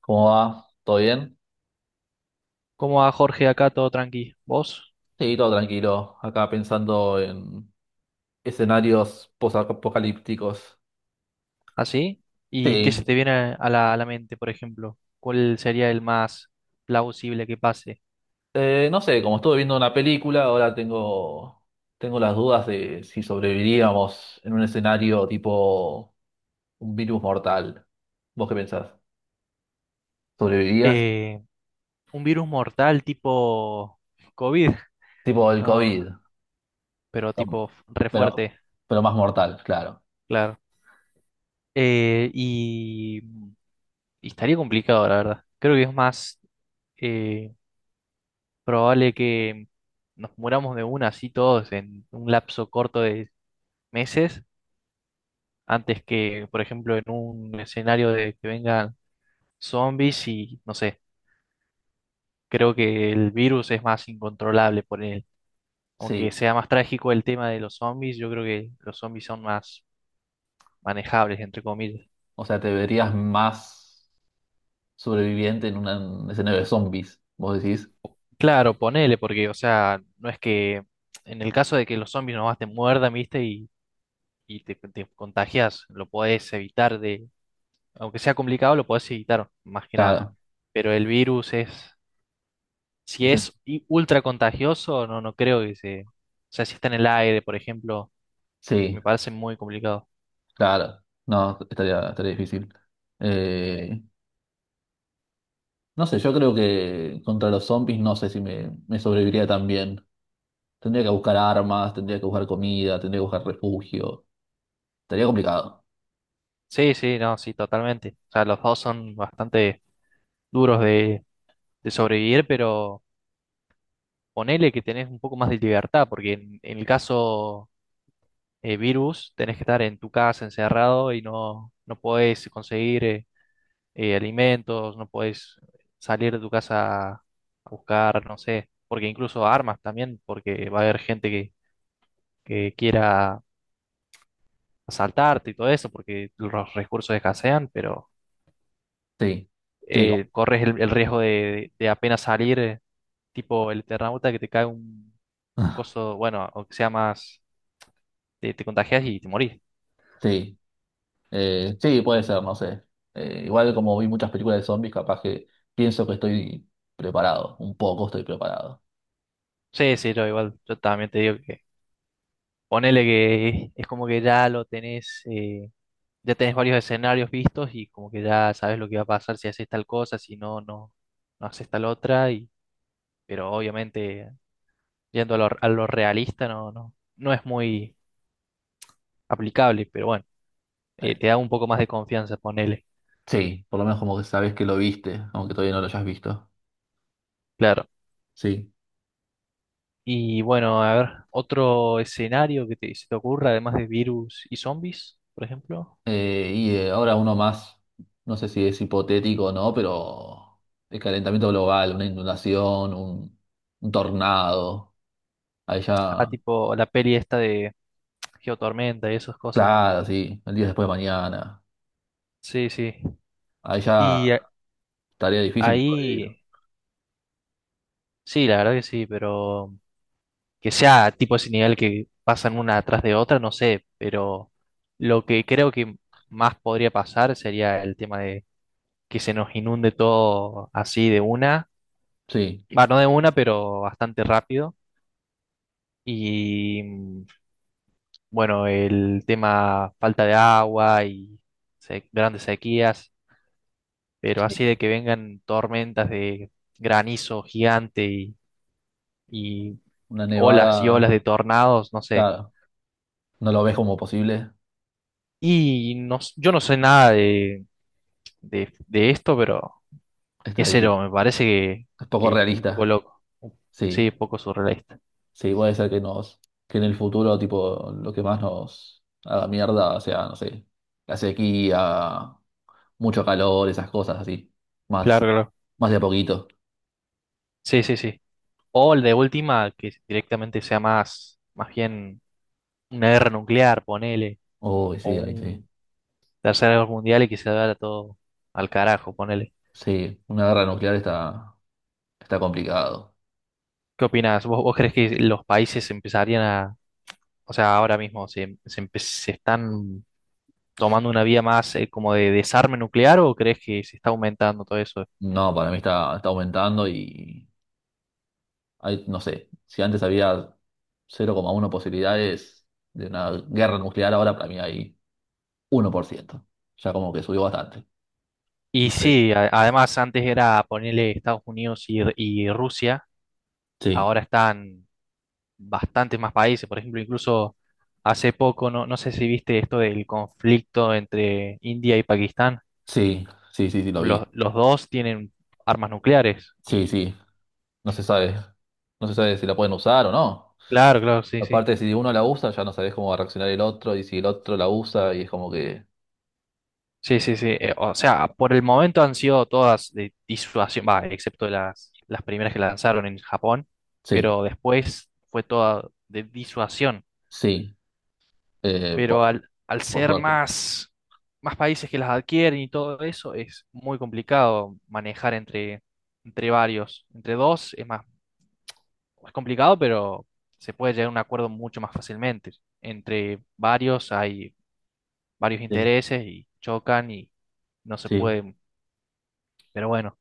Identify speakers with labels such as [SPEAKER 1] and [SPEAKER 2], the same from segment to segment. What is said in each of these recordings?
[SPEAKER 1] ¿Cómo va? ¿Todo bien?
[SPEAKER 2] ¿Cómo va, Jorge? Acá todo tranqui, ¿vos?
[SPEAKER 1] Sí, todo tranquilo. Acá pensando en escenarios posapocalípticos.
[SPEAKER 2] ¿Así? ¿Y qué se
[SPEAKER 1] Sí.
[SPEAKER 2] te viene a la mente, por ejemplo? ¿Cuál sería el más plausible que pase?
[SPEAKER 1] No sé, como estuve viendo una película, tengo las dudas de si sobreviviríamos en un escenario tipo un virus mortal. ¿Vos qué pensás? ¿Sobrevivirías?
[SPEAKER 2] Eh, un virus mortal tipo COVID,
[SPEAKER 1] Tipo el
[SPEAKER 2] no,
[SPEAKER 1] COVID.
[SPEAKER 2] pero
[SPEAKER 1] Pero,
[SPEAKER 2] tipo re
[SPEAKER 1] pero,
[SPEAKER 2] fuerte,
[SPEAKER 1] pero más mortal, claro.
[SPEAKER 2] claro. Eh, y, y estaría complicado, la verdad. Creo que es más eh, probable que nos muramos de una así todos en un lapso corto de meses, antes que, por ejemplo, en un escenario de que vengan zombies, y no sé, creo que el virus es más incontrolable por él. Aunque
[SPEAKER 1] Sí.
[SPEAKER 2] sea más trágico el tema de los zombies, yo creo que los zombies son más manejables, entre comillas.
[SPEAKER 1] O sea, te verías más sobreviviente en un escenario de zombies, vos decís.
[SPEAKER 2] Claro, ponele, porque, o sea, no es que en el caso de que los zombies nomás te muerdan, viste, y, y te contagias, lo podés evitar, de, aunque sea complicado, lo podés evitar, más que nada.
[SPEAKER 1] Claro.
[SPEAKER 2] Pero el virus es, si
[SPEAKER 1] Ese-
[SPEAKER 2] es ultra contagioso, no, no creo que, se, o sea, si está en el aire, por ejemplo,
[SPEAKER 1] Sí,
[SPEAKER 2] me parece muy complicado.
[SPEAKER 1] claro. No, estaría difícil. Eh, no sé, yo creo que contra los zombies no sé si me sobreviviría también. Tendría que buscar armas, tendría que buscar comida, tendría que buscar refugio. Sería complicado.
[SPEAKER 2] Sí, sí, no, sí, totalmente. O sea, los dos son bastante duros de, sobrevivir, pero ponele que tenés un poco más de libertad, porque en el caso virus tenés que estar en tu casa encerrado y no, no podés conseguir alimentos, no podés salir de tu casa a buscar, no sé, porque incluso armas también, porque va a haber gente que, quiera asaltarte y todo eso, porque los recursos escasean, pero
[SPEAKER 1] Sí, sí, co-
[SPEAKER 2] corres el, riesgo de apenas salir. Tipo el Eternauta, que te cae un, coso, bueno, o que sea más, te contagias y te morís.
[SPEAKER 1] sí. Sí, puede ser, no sé. Igual como vi muchas películas de zombies, capaz que pienso que estoy preparado. Un poco estoy preparado.
[SPEAKER 2] Sí, sí, yo igual, yo también te digo que ponele que es como que ya lo tenés. Ya tenés varios escenarios vistos y como que ya sabes lo que va a pasar si haces tal cosa, si no, no haces tal otra, y, pero obviamente yendo a lo realista, no, no es muy aplicable, pero bueno,
[SPEAKER 1] Eh,
[SPEAKER 2] te da un poco más de confianza, ponele.
[SPEAKER 1] sí, por lo menos como que sabes que lo viste, aunque todavía no lo hayas visto.
[SPEAKER 2] Claro.
[SPEAKER 1] Sí.
[SPEAKER 2] Y bueno, a ver, otro escenario que se te ocurra, además de virus y zombies, por ejemplo.
[SPEAKER 1] Ahora uno más, no sé si es hipotético o no, pero el calentamiento global, una inundación, un tornado.
[SPEAKER 2] Ah,
[SPEAKER 1] Allá.
[SPEAKER 2] tipo la peli esta de Geotormenta y esas cosas.
[SPEAKER 1] Claro, sí, el día después de mañana.
[SPEAKER 2] Sí, sí.
[SPEAKER 1] Ahí ya
[SPEAKER 2] Y
[SPEAKER 1] estaría difícil sobrevivir.
[SPEAKER 2] ahí, sí, la verdad que sí, pero que sea tipo ese nivel que pasan una atrás de otra, no sé, pero lo que creo que más podría pasar sería el tema de que se nos inunde todo así de una,
[SPEAKER 1] Sí,
[SPEAKER 2] va, no de una, pero bastante rápido. Y bueno, el tema falta de agua y grandes sequías, pero así
[SPEAKER 1] sí.
[SPEAKER 2] de que vengan tormentas de granizo gigante y,
[SPEAKER 1] Una
[SPEAKER 2] olas y olas
[SPEAKER 1] nevada,
[SPEAKER 2] de tornados, no sé.
[SPEAKER 1] claro, no lo ves como posible,
[SPEAKER 2] Y no, yo no sé nada de, esto, pero qué
[SPEAKER 1] está
[SPEAKER 2] sé,
[SPEAKER 1] difícil.
[SPEAKER 2] me parece que,
[SPEAKER 1] Es poco
[SPEAKER 2] que un poco
[SPEAKER 1] realista.
[SPEAKER 2] loco.
[SPEAKER 1] Sí,
[SPEAKER 2] Sí, poco surrealista.
[SPEAKER 1] sí, puede ser que en el futuro, tipo, lo que más nos haga mierda sea, no sé, la sequía, mucho calor, esas cosas así.
[SPEAKER 2] Claro,
[SPEAKER 1] Más,
[SPEAKER 2] claro.
[SPEAKER 1] más de a poquito.
[SPEAKER 2] Sí, sí, sí. O el de última, que directamente sea más, más bien una guerra nuclear, ponele,
[SPEAKER 1] Uy,
[SPEAKER 2] o
[SPEAKER 1] sí, ahí sí.
[SPEAKER 2] un Tercera Guerra Mundial, y que se vaya todo al carajo, ponele.
[SPEAKER 1] Sí, una guerra nuclear está complicado.
[SPEAKER 2] ¿Qué opinas? vos crees que los países empezarían o sea, ahora mismo se están tomando una vía más como de desarme nuclear, o crees que se está aumentando todo eso?
[SPEAKER 1] No, para mí está aumentando y. Hay, no sé, si antes había 0,1 posibilidades de una guerra nuclear, ahora para mí hay uno por ciento. Ya como que subió bastante.
[SPEAKER 2] Y sí, además antes era ponerle Estados Unidos y, Rusia,
[SPEAKER 1] Sí,
[SPEAKER 2] ahora están bastantes más países, por ejemplo, incluso hace poco, no, sé si viste esto del conflicto entre India y Pakistán,
[SPEAKER 1] sí, sí, sí, sí, lo
[SPEAKER 2] los,
[SPEAKER 1] vi.
[SPEAKER 2] los dos tienen armas nucleares.
[SPEAKER 1] Sí, sí, no se sabe. No se sabe si la pueden usar o no.
[SPEAKER 2] Claro, claro, sí, sí.
[SPEAKER 1] Aparte, si uno la usa, ya no sabes cómo va a reaccionar el otro, y si el otro la usa, y es como que...
[SPEAKER 2] Sí, sí, sí. O sea, por el momento han sido todas de disuasión, va, excepto las, primeras que lanzaron en Japón,
[SPEAKER 1] Sí,
[SPEAKER 2] pero después fue toda de disuasión.
[SPEAKER 1] sí, eh,
[SPEAKER 2] Pero
[SPEAKER 1] por,
[SPEAKER 2] al,
[SPEAKER 1] por
[SPEAKER 2] ser
[SPEAKER 1] suerte.
[SPEAKER 2] más países que las adquieren y todo eso, es muy complicado manejar entre varios. Entre dos es complicado, pero se puede llegar a un acuerdo mucho más fácilmente. Entre varios hay varios
[SPEAKER 1] Sí,
[SPEAKER 2] intereses y chocan y no se
[SPEAKER 1] sí,
[SPEAKER 2] puede. Pero bueno,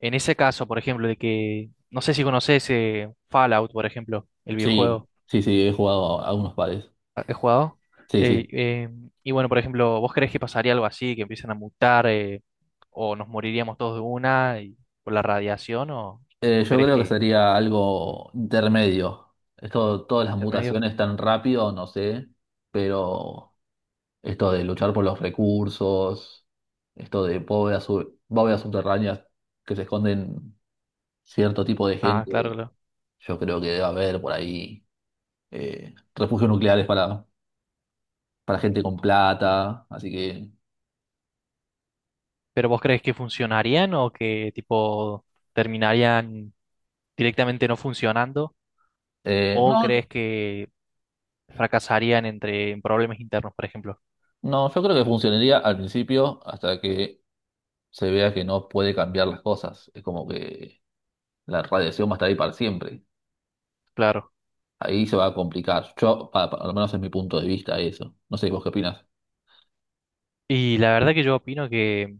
[SPEAKER 2] en ese caso, por ejemplo, de que, no sé si conoces Fallout, por ejemplo, el
[SPEAKER 1] sí,
[SPEAKER 2] videojuego
[SPEAKER 1] sí, sí, he jugado a unos pares.
[SPEAKER 2] has jugado.
[SPEAKER 1] Sí,
[SPEAKER 2] Eh,
[SPEAKER 1] sí.
[SPEAKER 2] eh, y bueno, por ejemplo, ¿vos creés que pasaría algo así, que empiezan a mutar o nos moriríamos todos de una, por la radiación, o,
[SPEAKER 1] Eh,
[SPEAKER 2] o
[SPEAKER 1] yo
[SPEAKER 2] crees
[SPEAKER 1] creo que
[SPEAKER 2] que
[SPEAKER 1] sería algo intermedio. Esto, todas las
[SPEAKER 2] intermedio?
[SPEAKER 1] mutaciones tan rápido, no sé, pero esto de luchar por los recursos, esto de bóvedas, bóvedas subterráneas que se esconden cierto tipo de
[SPEAKER 2] Ah, claro,
[SPEAKER 1] gente,
[SPEAKER 2] claro.
[SPEAKER 1] yo creo que debe haber por ahí refugios nucleares para gente con plata, así que
[SPEAKER 2] ¿Pero vos crees que funcionarían, o que tipo terminarían directamente no funcionando, o
[SPEAKER 1] no,
[SPEAKER 2] crees que fracasarían entre en problemas internos, por ejemplo?
[SPEAKER 1] no, yo creo que funcionaría al principio hasta que se vea que no puede cambiar las cosas. Es como que la radiación va a estar ahí para siempre.
[SPEAKER 2] Claro.
[SPEAKER 1] Ahí se va a complicar. Yo, al menos es mi punto de vista eso. No sé, ¿vos qué opinás?
[SPEAKER 2] Y la verdad que yo opino que,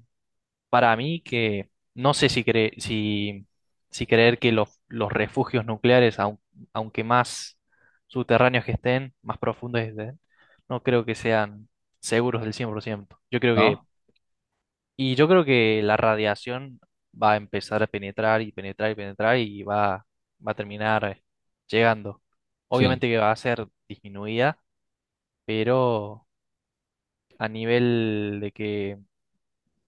[SPEAKER 2] para mí que no sé si si creer que los, refugios nucleares, aunque más subterráneos que estén, más profundos que estén, no creo que sean seguros del 100%. Yo creo que,
[SPEAKER 1] ¿No?
[SPEAKER 2] y yo creo que la radiación va a empezar a penetrar y penetrar y penetrar, y va, a terminar llegando.
[SPEAKER 1] Sí,
[SPEAKER 2] Obviamente que va a ser disminuida, pero a nivel de que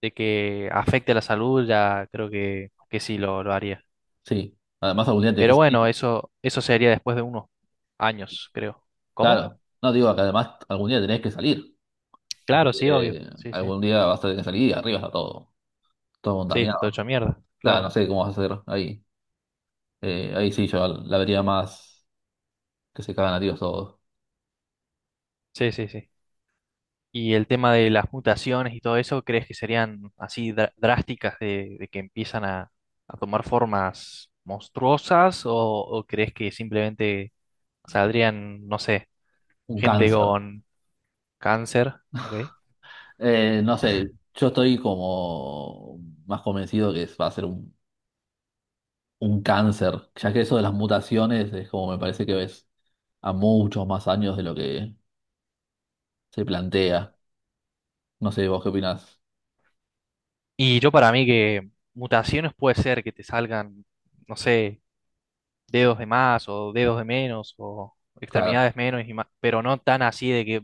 [SPEAKER 2] de que afecte la salud, ya creo que, sí lo haría.
[SPEAKER 1] sí. Además algún día
[SPEAKER 2] Pero
[SPEAKER 1] tenés que
[SPEAKER 2] bueno,
[SPEAKER 1] salir.
[SPEAKER 2] eso sería después de unos años, creo. ¿Cómo?
[SPEAKER 1] Claro. No digo que además algún día tenés que salir. Así
[SPEAKER 2] Claro, sí, obvio.
[SPEAKER 1] que
[SPEAKER 2] Sí, sí.
[SPEAKER 1] algún día vas a tener que salir y arriba está todo. Todo
[SPEAKER 2] Sí, está todo
[SPEAKER 1] contaminado.
[SPEAKER 2] hecho mierda.
[SPEAKER 1] Claro, no
[SPEAKER 2] Claro.
[SPEAKER 1] sé cómo vas a hacer ahí. Ahí sí yo la vería más que se cagan a tiros todos.
[SPEAKER 2] Sí, sí, sí. Y el tema de las mutaciones y todo eso, ¿crees que serían así drásticas de, que empiezan a tomar formas monstruosas? o crees que simplemente saldrían, no sé,
[SPEAKER 1] Un
[SPEAKER 2] gente
[SPEAKER 1] cáncer.
[SPEAKER 2] con cáncer? ¿Ok?
[SPEAKER 1] No sé, yo estoy como más convencido que va a ser un cáncer, ya que eso de las mutaciones es como me parece que ves a muchos más años de lo que se plantea. No sé, vos qué opinás.
[SPEAKER 2] Y yo para mí que mutaciones puede ser que te salgan, no sé, dedos de más o dedos de menos, o
[SPEAKER 1] Claro,
[SPEAKER 2] extremidades menos y más, pero no tan así de que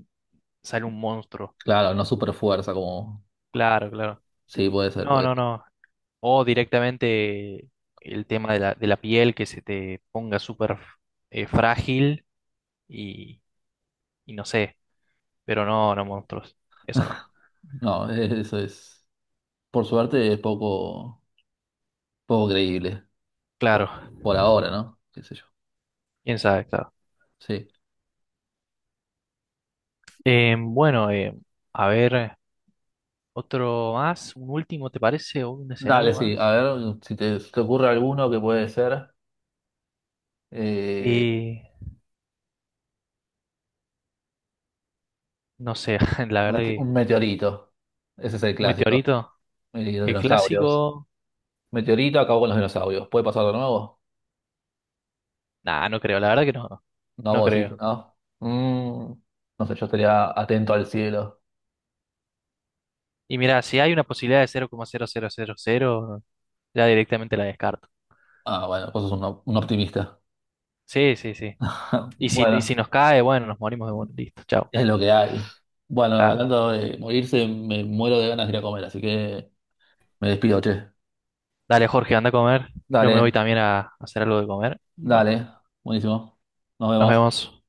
[SPEAKER 2] sale un monstruo.
[SPEAKER 1] claro, no super fuerza como...
[SPEAKER 2] Claro, claro.
[SPEAKER 1] Sí, puede ser,
[SPEAKER 2] No,
[SPEAKER 1] puede
[SPEAKER 2] no,
[SPEAKER 1] ser.
[SPEAKER 2] no. O directamente el tema de la piel, que se te ponga súper frágil y, y no sé, pero no, no monstruos. Eso no.
[SPEAKER 1] No, eso es... Por suerte es poco creíble,
[SPEAKER 2] Claro.
[SPEAKER 1] por ahora, ¿no? ¿Qué sé yo?
[SPEAKER 2] Quién sabe, claro.
[SPEAKER 1] Sí.
[SPEAKER 2] Bueno, a ver. Otro más, un último, ¿te parece? ¿O un
[SPEAKER 1] Dale,
[SPEAKER 2] escenario
[SPEAKER 1] sí, a
[SPEAKER 2] más?
[SPEAKER 1] ver si te ocurre alguno que puede ser eh,
[SPEAKER 2] Y no sé, la verdad
[SPEAKER 1] un
[SPEAKER 2] que
[SPEAKER 1] meteorito. Ese es el
[SPEAKER 2] un
[SPEAKER 1] clásico.
[SPEAKER 2] meteorito,
[SPEAKER 1] Y los
[SPEAKER 2] el
[SPEAKER 1] dinosaurios.
[SPEAKER 2] clásico,
[SPEAKER 1] Meteorito acabó con los dinosaurios. ¿Puede pasar de nuevo?
[SPEAKER 2] nah, no creo, la verdad que no,
[SPEAKER 1] No,
[SPEAKER 2] no
[SPEAKER 1] vos decís que
[SPEAKER 2] creo.
[SPEAKER 1] no. Mm, no sé, yo estaría atento al cielo.
[SPEAKER 2] Y mira, si hay una posibilidad de cero coma cero cero cero coma cero, ya directamente la descarto.
[SPEAKER 1] Ah, bueno, vos sos un optimista.
[SPEAKER 2] Sí, sí, sí. Y si
[SPEAKER 1] Bueno,
[SPEAKER 2] nos cae, bueno, nos morimos, de bueno, listo, chao.
[SPEAKER 1] es lo que hay. Bueno,
[SPEAKER 2] Claro.
[SPEAKER 1] hablando de morirse, me muero de ganas de ir a comer, así que me despido, che.
[SPEAKER 2] Dale, Jorge, anda a comer. Yo me voy
[SPEAKER 1] Dale,
[SPEAKER 2] también a hacer algo de comer. Y bueno,
[SPEAKER 1] dale. Buenísimo. Nos
[SPEAKER 2] nos
[SPEAKER 1] vemos.
[SPEAKER 2] vemos.